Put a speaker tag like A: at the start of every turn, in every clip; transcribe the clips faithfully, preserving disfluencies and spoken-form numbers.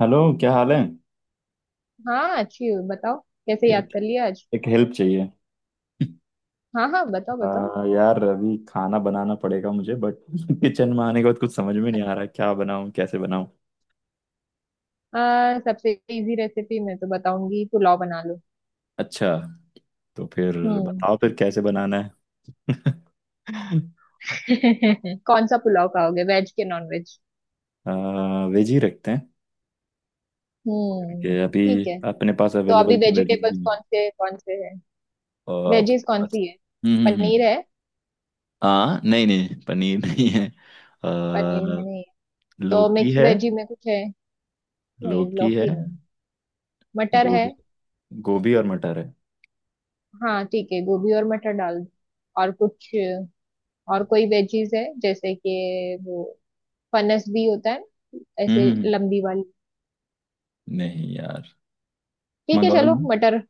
A: Hello, क्या हाल है?
B: हाँ, अच्छी हूँ। बताओ कैसे याद
A: एक
B: कर लिया आज?
A: एक हेल्प चाहिए।
B: हाँ हाँ, बताओ बताओ।
A: आ, यार, अभी खाना बनाना पड़ेगा मुझे, बट किचन में आने के बाद कुछ समझ में नहीं आ रहा है, क्या बनाऊं, कैसे बनाऊं?
B: आ, सबसे इजी रेसिपी मैं तो बताऊंगी, पुलाव बना लो।
A: अच्छा। तो फिर
B: हम्म।
A: बताओ फिर कैसे बनाना है?
B: कौन सा पुलाव खाओगे, वेज के नॉन वेज?
A: आ, वेज ही रखते हैं, कि
B: हम्म।
A: अभी
B: ठीक है।
A: अपने पास
B: तो अभी
A: अवेलेबल तो वेज
B: वेजिटेबल्स
A: ही है।
B: कौन से कौन से है?
A: और अपने
B: वेजीज कौन
A: पास।
B: सी है?
A: हम्म हम्म
B: पनीर
A: हम्म।
B: है?
A: हाँ, नहीं नहीं, पनीर नहीं है।
B: पनीर
A: आ,
B: है नहीं? तो
A: लौकी
B: मिक्स
A: है।
B: वेजी में कुछ है? नहीं,
A: लौकी है।
B: लौकी नहीं। मटर है?
A: गोभी गोभी और मटर है।
B: हाँ ठीक है, गोभी और मटर डाल दो। और कुछ? और कोई वेजीज है जैसे कि वो फनस भी होता है ना,
A: हम्म
B: ऐसे
A: हम्म, हम्म।
B: लंबी वाली।
A: नहीं यार,
B: ठीक है
A: मंगवा
B: चलो,
A: लें,
B: मटर।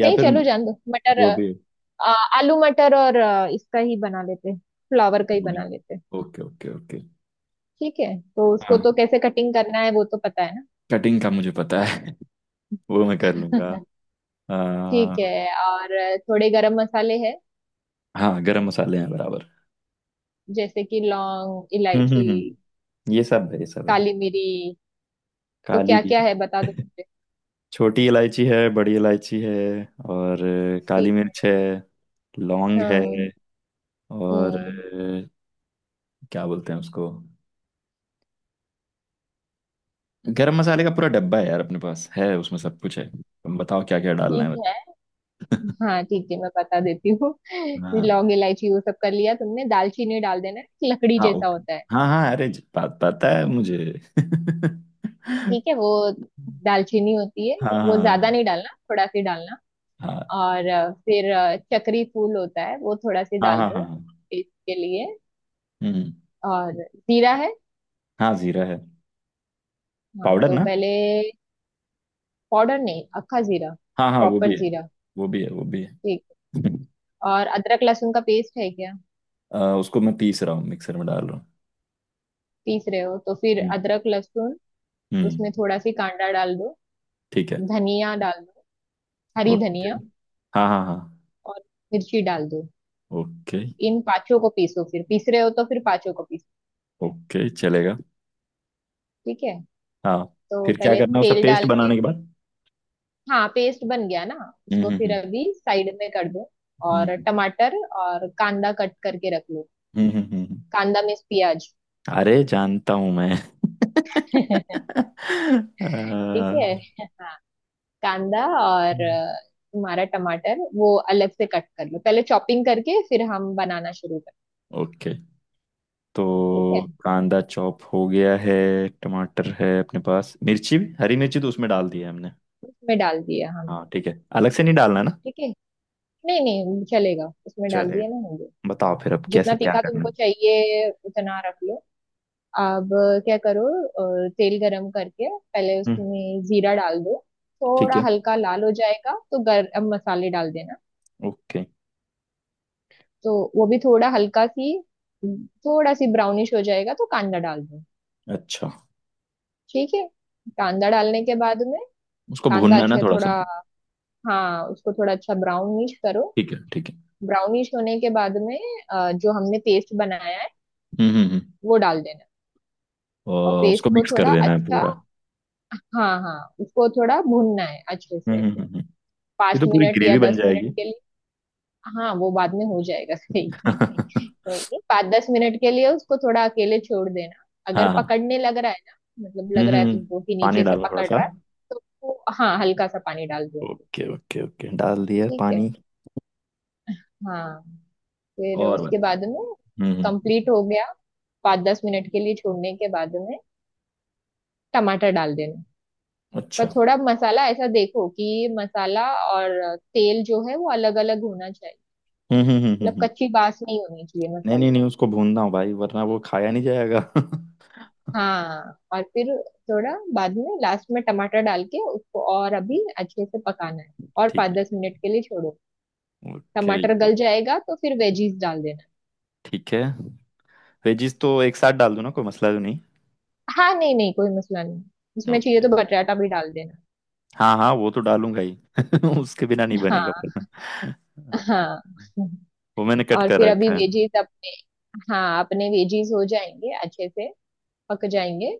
A: या
B: नहीं
A: फिर
B: चलो जान दो, मटर।
A: गोभी।
B: आ, आलू मटर और आ, इसका ही बना लेते हैं। फ्लावर का ही बना
A: गोभी।
B: लेते हैं।
A: Okay okay okay.
B: ठीक है। तो उसको
A: हाँ,
B: तो कैसे कटिंग करना है वो तो पता है ना?
A: कटिंग का मुझे पता है वो मैं कर लूंगा। आ,
B: ठीक है। और थोड़े गरम मसाले हैं?
A: हाँ, गरम मसाले हैं बराबर।
B: जैसे कि लौंग
A: हम्म
B: इलायची,
A: हम्म हम्म, ये सब है, ये सब है।
B: काली मिरी। तो
A: काली
B: क्या
A: भी
B: क्या है बता
A: है
B: दो मुझे।
A: छोटी इलायची है, बड़ी इलायची है, और अ, काली
B: ठीक है।
A: मिर्च है। लौंग है।
B: हाँ।
A: और
B: हम्म।
A: अ, क्या बोलते हैं उसको? गरम मसाले का पूरा डब्बा है यार, अपने पास है, उसमें सब कुछ है, तुम बताओ क्या क्या डालना है?
B: ठीक है। हाँ ठीक है, मैं बता देती हूँ। ये
A: हाँ
B: लौंग इलायची वो सब कर लिया तुमने, दालचीनी डाल देना, लकड़ी
A: हाँ,
B: जैसा
A: ओके।
B: होता है।
A: हाँ हाँ, अरे ज- बात पता है मुझे
B: ठीक है, वो दालचीनी होती है। वो
A: हाँ
B: ज्यादा
A: हाँ
B: नहीं डालना, थोड़ा सी डालना।
A: हाँ
B: और अ, फिर अ, चक्री फूल होता है वो थोड़ा सी
A: हाँ
B: डाल
A: हाँ हाँ
B: दो।
A: हाँ,
B: टेस्ट के लिए।
A: हम्म।
B: और जीरा है?
A: हाँ, जीरा है।
B: हाँ
A: पाउडर
B: तो
A: ना?
B: पहले, पाउडर नहीं, अक्खा जीरा।
A: हाँ हाँ, वो भी
B: प्रॉपर
A: है,
B: जीरा।
A: वो भी है, वो भी
B: ठीक।
A: है
B: और अदरक लहसुन का पेस्ट है क्या?
A: अ, उसको मैं पीस रहा हूँ, मिक्सर में डाल रहा हूँ।
B: पीस रहे हो तो फिर
A: हम्म
B: अदरक लहसुन। उसमें
A: हम्म,
B: थोड़ा सी कांदा डाल दो।
A: ठीक है।
B: धनिया डाल दो। हरी
A: ओके।
B: धनिया।
A: हाँ हाँ हाँ।
B: और मिर्ची डाल दो।
A: ओके
B: इन पांचों को पीसो, फिर पीस रहे हो तो फिर पांचों को पीसो।
A: ओके, चलेगा।
B: ठीक है।
A: हाँ।
B: तो
A: फिर क्या
B: पहले
A: करना है उसका
B: तेल डाल
A: पेस्ट
B: के।
A: बनाने के बाद?
B: हाँ, पेस्ट बन गया ना।
A: हम्म
B: उसको फिर
A: हम्म
B: अभी साइड में कर दो।
A: हम्म हम्म
B: और टमाटर। और कांदा कट करके रख लो।
A: हम्म हम्म, हम्म। हम्म।
B: कांदा मीन्स प्याज।
A: अरे जानता हूँ मैं
B: ठीक है।
A: आ,
B: हाँ। कांदा और अ, तुम्हारा टमाटर वो अलग से कट कर लो पहले चॉपिंग करके, फिर हम बनाना शुरू कर।
A: ओके।
B: ठीक
A: तो
B: है।
A: कांदा चॉप हो गया है। टमाटर है अपने पास, मिर्ची भी, हरी मिर्ची तो उसमें डाल दी है हमने।
B: उसमें डाल दिया हम।
A: हाँ, ठीक है, अलग से नहीं डालना ना।
B: ठीक है। नहीं नहीं, चलेगा, उसमें डाल दिया ना
A: चलेगा।
B: हमने।
A: बताओ फिर अब कैसे
B: जितना
A: क्या
B: तीखा
A: करना
B: तुमको
A: है?
B: चाहिए उतना रख लो। अब क्या करो। अ, तेल गरम करके पहले
A: हम्म,
B: उसमें जीरा डाल दो।
A: ठीक
B: थोड़ा
A: है,
B: हल्का लाल हो जाएगा तो गरम मसाले डाल देना।
A: ओके।
B: तो वो भी थोड़ा हल्का सी, थोड़ा सी ब्राउनिश हो जाएगा तो कांदा डाल दो।
A: अच्छा।
B: ठीक है। कांदा डालने के बाद में,
A: उसको
B: कांदा
A: भूनना है ना
B: अच्छा
A: थोड़ा
B: थोड़ा,
A: सा।
B: हाँ उसको थोड़ा अच्छा ब्राउनिश करो।
A: ठीक है, ठीक है।
B: ब्राउनिश होने के बाद में, अ, जो हमने पेस्ट बनाया है
A: हम्म हम्म हम्म।
B: वो डाल देना। और
A: और
B: पेस्ट
A: उसको
B: को
A: मिक्स कर
B: थोड़ा
A: देना है
B: अच्छा,
A: पूरा।
B: हाँ हाँ, उसको थोड़ा भूनना है अच्छे
A: हम्म
B: से।
A: हम्म हम्म हम्म। ये
B: पाँच
A: तो पूरी
B: मिनट या
A: ग्रेवी बन
B: दस मिनट
A: जाएगी।
B: के लिए। हाँ, वो बाद में हो जाएगा। सही।
A: हाँ
B: कोई नहीं, पाँच दस मिनट के लिए उसको थोड़ा अकेले छोड़ देना। अगर
A: हाँ।
B: पकड़ने लग रहा है, ना मतलब
A: हम्म
B: लग रहा
A: हम्म
B: है
A: हम्म।
B: तुमको कि
A: पानी
B: नीचे से
A: डालो थोड़ा
B: पकड़
A: सा।
B: रहा है, तो उसको, हाँ, हल्का सा पानी डाल दो।
A: ओके ओके ओके, डाल दिया
B: ठीक है।
A: पानी।
B: हाँ। फिर
A: और बस।
B: उसके बाद में,
A: हम्म हम्म।
B: कंप्लीट हो गया, पाँच दस मिनट के लिए छोड़ने के बाद में टमाटर डाल देना। पर
A: अच्छा।
B: थोड़ा मसाला ऐसा देखो कि मसाला और तेल जो है वो अलग अलग होना चाहिए।
A: हम्म हम्म हम्म हम्म,
B: मतलब
A: हम्म।
B: कच्ची बास नहीं होनी चाहिए
A: नहीं
B: मसाले
A: नहीं
B: में।
A: नहीं, उसको भूनना हो भाई, वरना वो खाया नहीं जाएगा
B: हाँ और फिर थोड़ा बाद में लास्ट में टमाटर डाल के उसको और अभी अच्छे से पकाना है। और
A: ठीक
B: पाँच
A: है।
B: दस मिनट के लिए छोड़ो।
A: ओके।
B: टमाटर गल जाएगा तो फिर वेजीज डाल देना।
A: ठीक है। वेजीज तो एक साथ डाल दूं ना, कोई मसला तो नहीं?
B: हाँ, नहीं नहीं कोई मसला नहीं। उसमें चाहिए
A: ओके।
B: तो बटाटा भी डाल देना।
A: हाँ हाँ, वो तो डालूंगा ही उसके बिना नहीं बनेगा
B: हाँ
A: अपना।
B: हाँ।
A: वो मैंने कट
B: और
A: कर
B: फिर अभी
A: रखा है।
B: वेजीज अपने, हाँ अपने वेजीज हो जाएंगे अच्छे से, पक जाएंगे।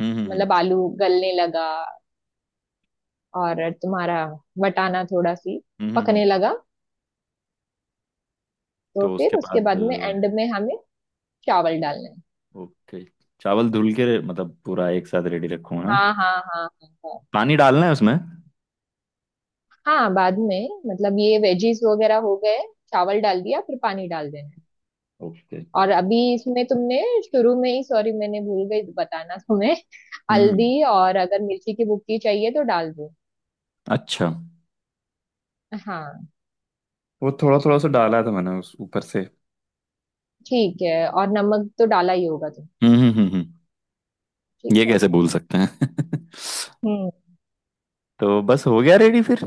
A: हम्म हम्म हम्म
B: मतलब आलू गलने लगा और तुम्हारा वटाना थोड़ा सी
A: हम्म, हम्म, हम्म।
B: पकने लगा, तो
A: तो
B: फिर
A: उसके
B: उसके
A: बाद
B: बाद
A: अ,
B: में एंड में हमें चावल डालना है।
A: ओके। चावल धुल के रे- मतलब पूरा एक साथ रेडी रखूँ ना?
B: हाँ हाँ हाँ हाँ हाँ।
A: पानी डालना है उसमें।
B: हाँ, बाद में मतलब ये वेजीज वगैरह हो गए, चावल डाल दिया फिर पानी डाल देना है।
A: ओके।
B: और अभी इसमें तुमने शुरू में ही, सॉरी, मैंने भूल गई बताना तुम्हें,
A: हम्म।
B: हल्दी और अगर मिर्ची की भुक्की चाहिए तो डाल दो।
A: अच्छा। हम्म।
B: हाँ
A: वो थोड़ा थोड़ा सा डाला था मैंने उस ऊपर से।
B: ठीक है, और नमक तो डाला ही होगा तुम।
A: हम्म हम्म हम्म।
B: ठीक
A: ये
B: है।
A: कैसे भूल सकते हैं
B: हम्म।
A: तो बस हो गया रेडी फिर।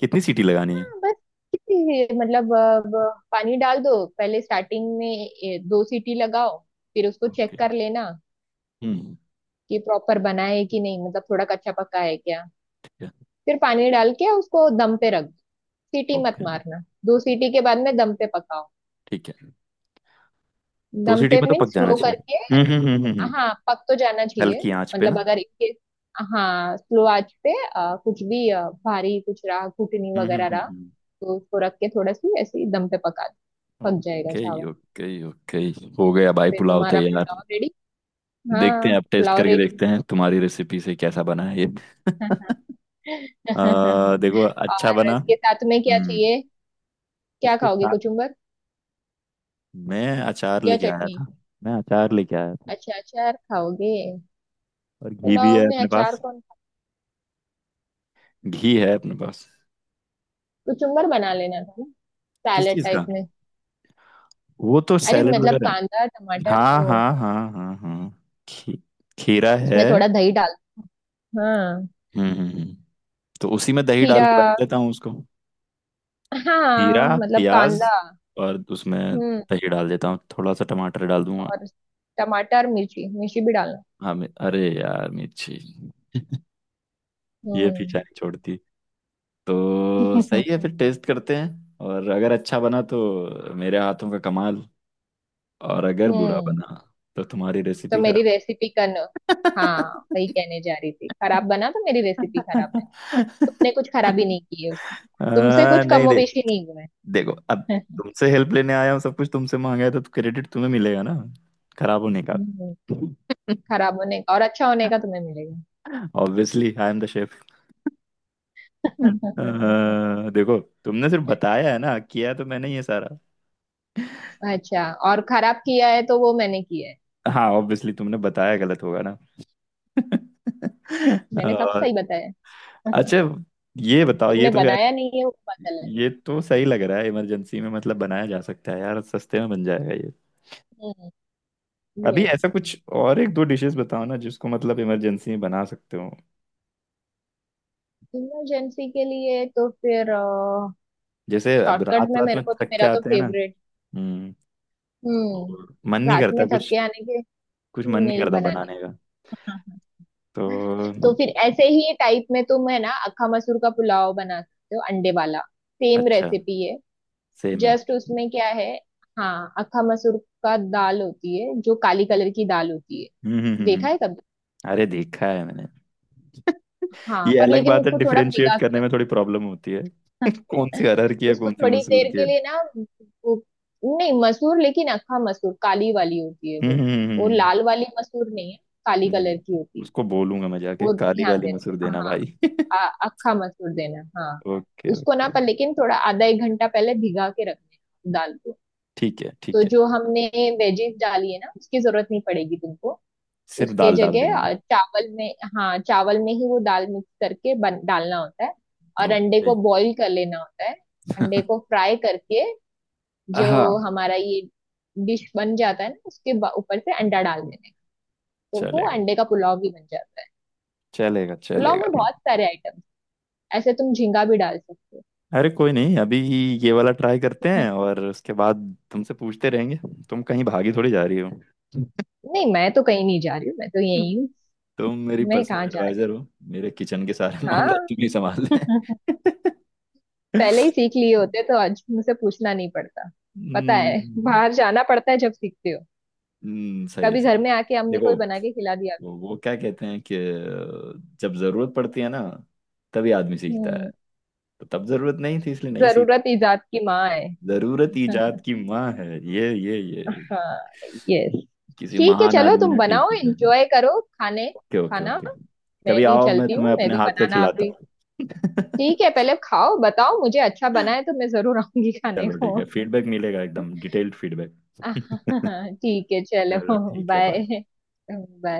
A: कितनी सीटी लगानी है?
B: हाँ, बस इतनी ही, मतलब अब पानी डाल दो पहले स्टार्टिंग में, ए, दो सीटी लगाओ। फिर उसको चेक
A: ओके,
B: कर लेना
A: हम्म।
B: कि प्रॉपर बना है कि नहीं, मतलब थोड़ा कच्चा पक्का है क्या।
A: ठीक है,
B: फिर पानी डाल के उसको दम पे रख दो। सीटी मत
A: ओके।
B: मारना। दो सीटी के बाद में दम पे पकाओ।
A: ठीक है। दो
B: दम
A: सीटी
B: पे
A: में तो
B: मीन
A: पक जाना
B: स्लो
A: चाहिए।
B: करके।
A: हम्म हम्म हम्म हम्म, हम्म।
B: हाँ, पक तो जाना चाहिए।
A: हल्की आंच पे
B: मतलब
A: ना?
B: अगर इनके, हाँ स्लो आंच पे अ, कुछ भी अ, भारी कुछ रहा कुटनी
A: हम्म हम्म
B: वगैरह
A: हम्म
B: रहा,
A: हम्म।
B: तो उसको रख के थोड़ा सी ऐसे ही दम पे पका दो। पक जाएगा
A: ओके
B: चावल।
A: Okay okay. हो गया भाई,
B: फिर
A: पुलाव
B: तुम्हारा
A: तैयार।
B: पुलाव रेडी।
A: देखते
B: हाँ,
A: हैं अब, टेस्ट
B: पुलाव
A: करके
B: रेडी।
A: देखते हैं तुम्हारी रेसिपी से कैसा बना है ये। आ, देखो, अच्छा
B: और
A: बना।
B: इसके साथ में क्या
A: हम्म।
B: चाहिए? क्या
A: इसके
B: खाओगे,
A: साथ
B: कुचुम्बर
A: मैं अचार
B: या
A: लेके आया
B: चटनी?
A: था, मैं अचार लेके आया था,
B: अच्छा, अचार खाओगे?
A: और घी भी
B: पुलाव
A: है
B: में
A: अपने
B: अचार
A: पास।
B: कौन खा-
A: घी है अपने पास।
B: कुचुम्बर बना लेना था ना,
A: किस
B: सैलेड
A: चीज का?
B: टाइप में।
A: वो तो
B: अरे
A: सैलेड
B: मतलब
A: वगैरह।
B: कांदा टमाटर
A: हाँ
B: वो,
A: हाँ हाँ हाँ हाँ। खी, खीरा है।
B: उसमें थोड़ा दही डाल। हाँ,
A: हम्म हम्म, हम्म। तो उसी में दही डाल
B: खीरा।
A: के बना लेता हूँ उसको। खीरा।
B: हाँ मतलब
A: प्याज।
B: कांदा।
A: और उसमें
B: हम्म।
A: दही डाल देता हूँ, थोड़ा सा टमाटर डाल दूंगा।
B: और टमाटर मिर्ची, मिर्ची भी डालना।
A: हाँ, मे- अरे यार, मिर्ची। ये पीछा
B: हम्म।
A: नहीं छोड़ती। तो सही है, फिर टेस्ट करते हैं, और अगर अच्छा बना तो मेरे हाथों का कमाल। और अगर बुरा
B: हम्म।
A: बना तो तुम्हारी
B: तो
A: रेसिपी
B: मेरी
A: खराब।
B: रेसिपी करना। हाँ, वही कहने जा रही थी, खराब बना तो मेरी रेसिपी खराब है। तुमने कुछ खराबी नहीं की है उसमें। तुमसे
A: हाँ,
B: कुछ
A: नहीं, दे
B: कमोबेशी नहीं हुआ
A: देखो अब। तुमसे हेल्प लेने आया हूँ, सब कुछ तुमसे मांगा है, तो क्रेडिट तुम्हें मिलेगा ना, खराब होने का।
B: है। खराब होने का और अच्छा होने का तुम्हें
A: obviously I am the chef
B: मिलेगा।
A: देखो, तुमने सिर्फ बताया है ना, किया तो मैंने ही है सारा।
B: अच्छा, और खराब किया है तो वो मैंने किया है।
A: हाँ, ऑब्वियसली, तुमने बताया गलत होगा ना।
B: मैंने सब
A: अ,
B: सही बताया।
A: अच्छा। ये बताओ, ये
B: तुमने
A: तो यार,
B: बनाया नहीं है वो पता
A: ये तो सही लग रहा है। इमरजेंसी में मतलब बनाया जा सकता है यार, सस्ते में बन जाएगा।
B: चला।
A: अभी ऐसा
B: यस।
A: कुछ और एक दो डिशेस बताओ ना, जिसको मतलब इमरजेंसी में बना सकते हो।
B: इमरजेंसी के लिए तो फिर
A: जैसे अब रात
B: शॉर्टकट में
A: रात में
B: मेरे को तो,
A: थक के
B: मेरा तो
A: आते हैं ना।
B: फेवरेट।
A: हम्म।
B: हम्म।
A: मन नहीं
B: रात
A: करता
B: में थक
A: कुछ,
B: के आने के,
A: कुछ मन नहीं
B: नहीं
A: करता
B: बनाने
A: बनाने का।
B: का। हाँ, तो
A: तो
B: फिर ऐसे ही टाइप में तुम है ना, अक्खा मसूर का पुलाव बना सकते हो अंडे वाला। सेम
A: अच्छा।
B: रेसिपी है।
A: सेम है।
B: जस्ट उसमें क्या है, हाँ, अक्खा मसूर का दाल होती है, जो काली कलर की दाल होती है।
A: हम्म हम्म हम्म
B: देखा है
A: हम्म।
B: कभी?
A: अरे देखा है मैंने।
B: हाँ,
A: ये
B: पर
A: अलग
B: लेकिन
A: बात है,
B: उसको थोड़ा
A: डिफरेंशिएट
B: भिगा के
A: करने
B: रख।
A: में थोड़ी प्रॉब्लम होती है, कौन सी अरहर की है,
B: उसको
A: कौन सी
B: थोड़ी
A: मसूर
B: देर
A: की
B: के
A: है।
B: लिए ना, वो, नहीं, मसूर लेकिन अक्खा मसूर काली वाली होती है
A: हम्म
B: वो।
A: हम्म हम्म,
B: वो
A: हम्म। हम्म।
B: लाल वाली मसूर नहीं है, काली
A: नहीं नहीं,
B: कलर की होती है।
A: उसको बोलूंगा मैं जाके,
B: वो
A: काली
B: ध्यान
A: वाली मसूर
B: देना,
A: देना
B: हाँ।
A: भाई
B: आ- अक्खा मसूर देना, हाँ।
A: ओके
B: उसको ना,
A: ओके।
B: पर लेकिन थोड़ा आधा एक घंटा पहले भिगा के रखना है दाल को।
A: ठीक है,
B: तो
A: ठीक है।
B: जो हमने वेजीज डाली है ना उसकी जरूरत नहीं पड़ेगी तुमको।
A: सिर्फ
B: उसके
A: दाल डाल
B: जगह
A: देंगे।
B: अ, चावल में, हाँ चावल में ही वो दाल मिक्स करके बन, डालना होता है। और अंडे
A: ओके।
B: को बॉईल कर लेना होता है। अंडे को फ्राई करके जो
A: हाँ,
B: हमारा ये डिश बन जाता है ना, उसके बा- ऊपर से अंडा डाल देना है। तो वो
A: चलेगा
B: अंडे का पुलाव भी बन जाता है।
A: चलेगा
B: पुलाव
A: चलेगा।
B: में बहुत सारे आइटम, ऐसे तुम झींगा भी डाल सकते हो।
A: अरे कोई नहीं, अभी ये वाला ट्राई करते हैं, और उसके बाद तुमसे पूछते रहेंगे। तुम कहीं भागी थोड़ी जा रही हो?
B: नहीं, मैं तो कहीं नहीं जा रही हूँ, मैं तो यही हूँ।
A: तुम मेरी
B: मैं
A: पर्सनल
B: कहाँ जा रही
A: एडवाइजर हो। मेरे किचन के सारे
B: हूँ?
A: मामला तुम
B: हाँ।
A: ही संभाल ले।
B: पहले ही सीख लिए होते तो आज मुझसे पूछना नहीं पड़ता। पता है
A: हम्म
B: बाहर जाना पड़ता है जब सीखते हो।
A: हम्म, सही है,
B: कभी घर
A: सही
B: में
A: है।
B: आके अम्मी को ही
A: देखो,
B: बना के खिला दिया करो।
A: वो, वो क्या कहते हैं कि जब जरूरत पड़ती है ना, तभी आदमी सीखता है।
B: हम्म।
A: तो तब जरूरत नहीं थी इसलिए नहीं सीख।
B: जरूरत इजाद की माँ है।
A: जरूरत इजाद की माँ है। ये ये ये।
B: हाँ। यस।
A: किसी
B: ठीक है
A: महान
B: चलो
A: आदमी
B: तुम
A: ने ठीक
B: बनाओ,
A: ही कहा।
B: एंजॉय करो खाने
A: ओके ओके
B: खाना।
A: ओके।
B: मैं
A: कभी
B: भी
A: आओ, मैं
B: चलती
A: तुम्हें
B: हूँ, मैं
A: अपने
B: भी
A: हाथ का
B: बनाना आप
A: खिलाता
B: भी।
A: हूँ
B: ठीक है, पहले खाओ बताओ मुझे अच्छा बना है तो मैं जरूर आऊंगी खाने
A: चलो
B: को।
A: ठीक है, फीडबैक मिलेगा, एकदम डिटेल्ड फीडबैक।
B: ठीक है चलो।
A: चलो ठीक है,
B: बाय।
A: बाय।
B: बाय।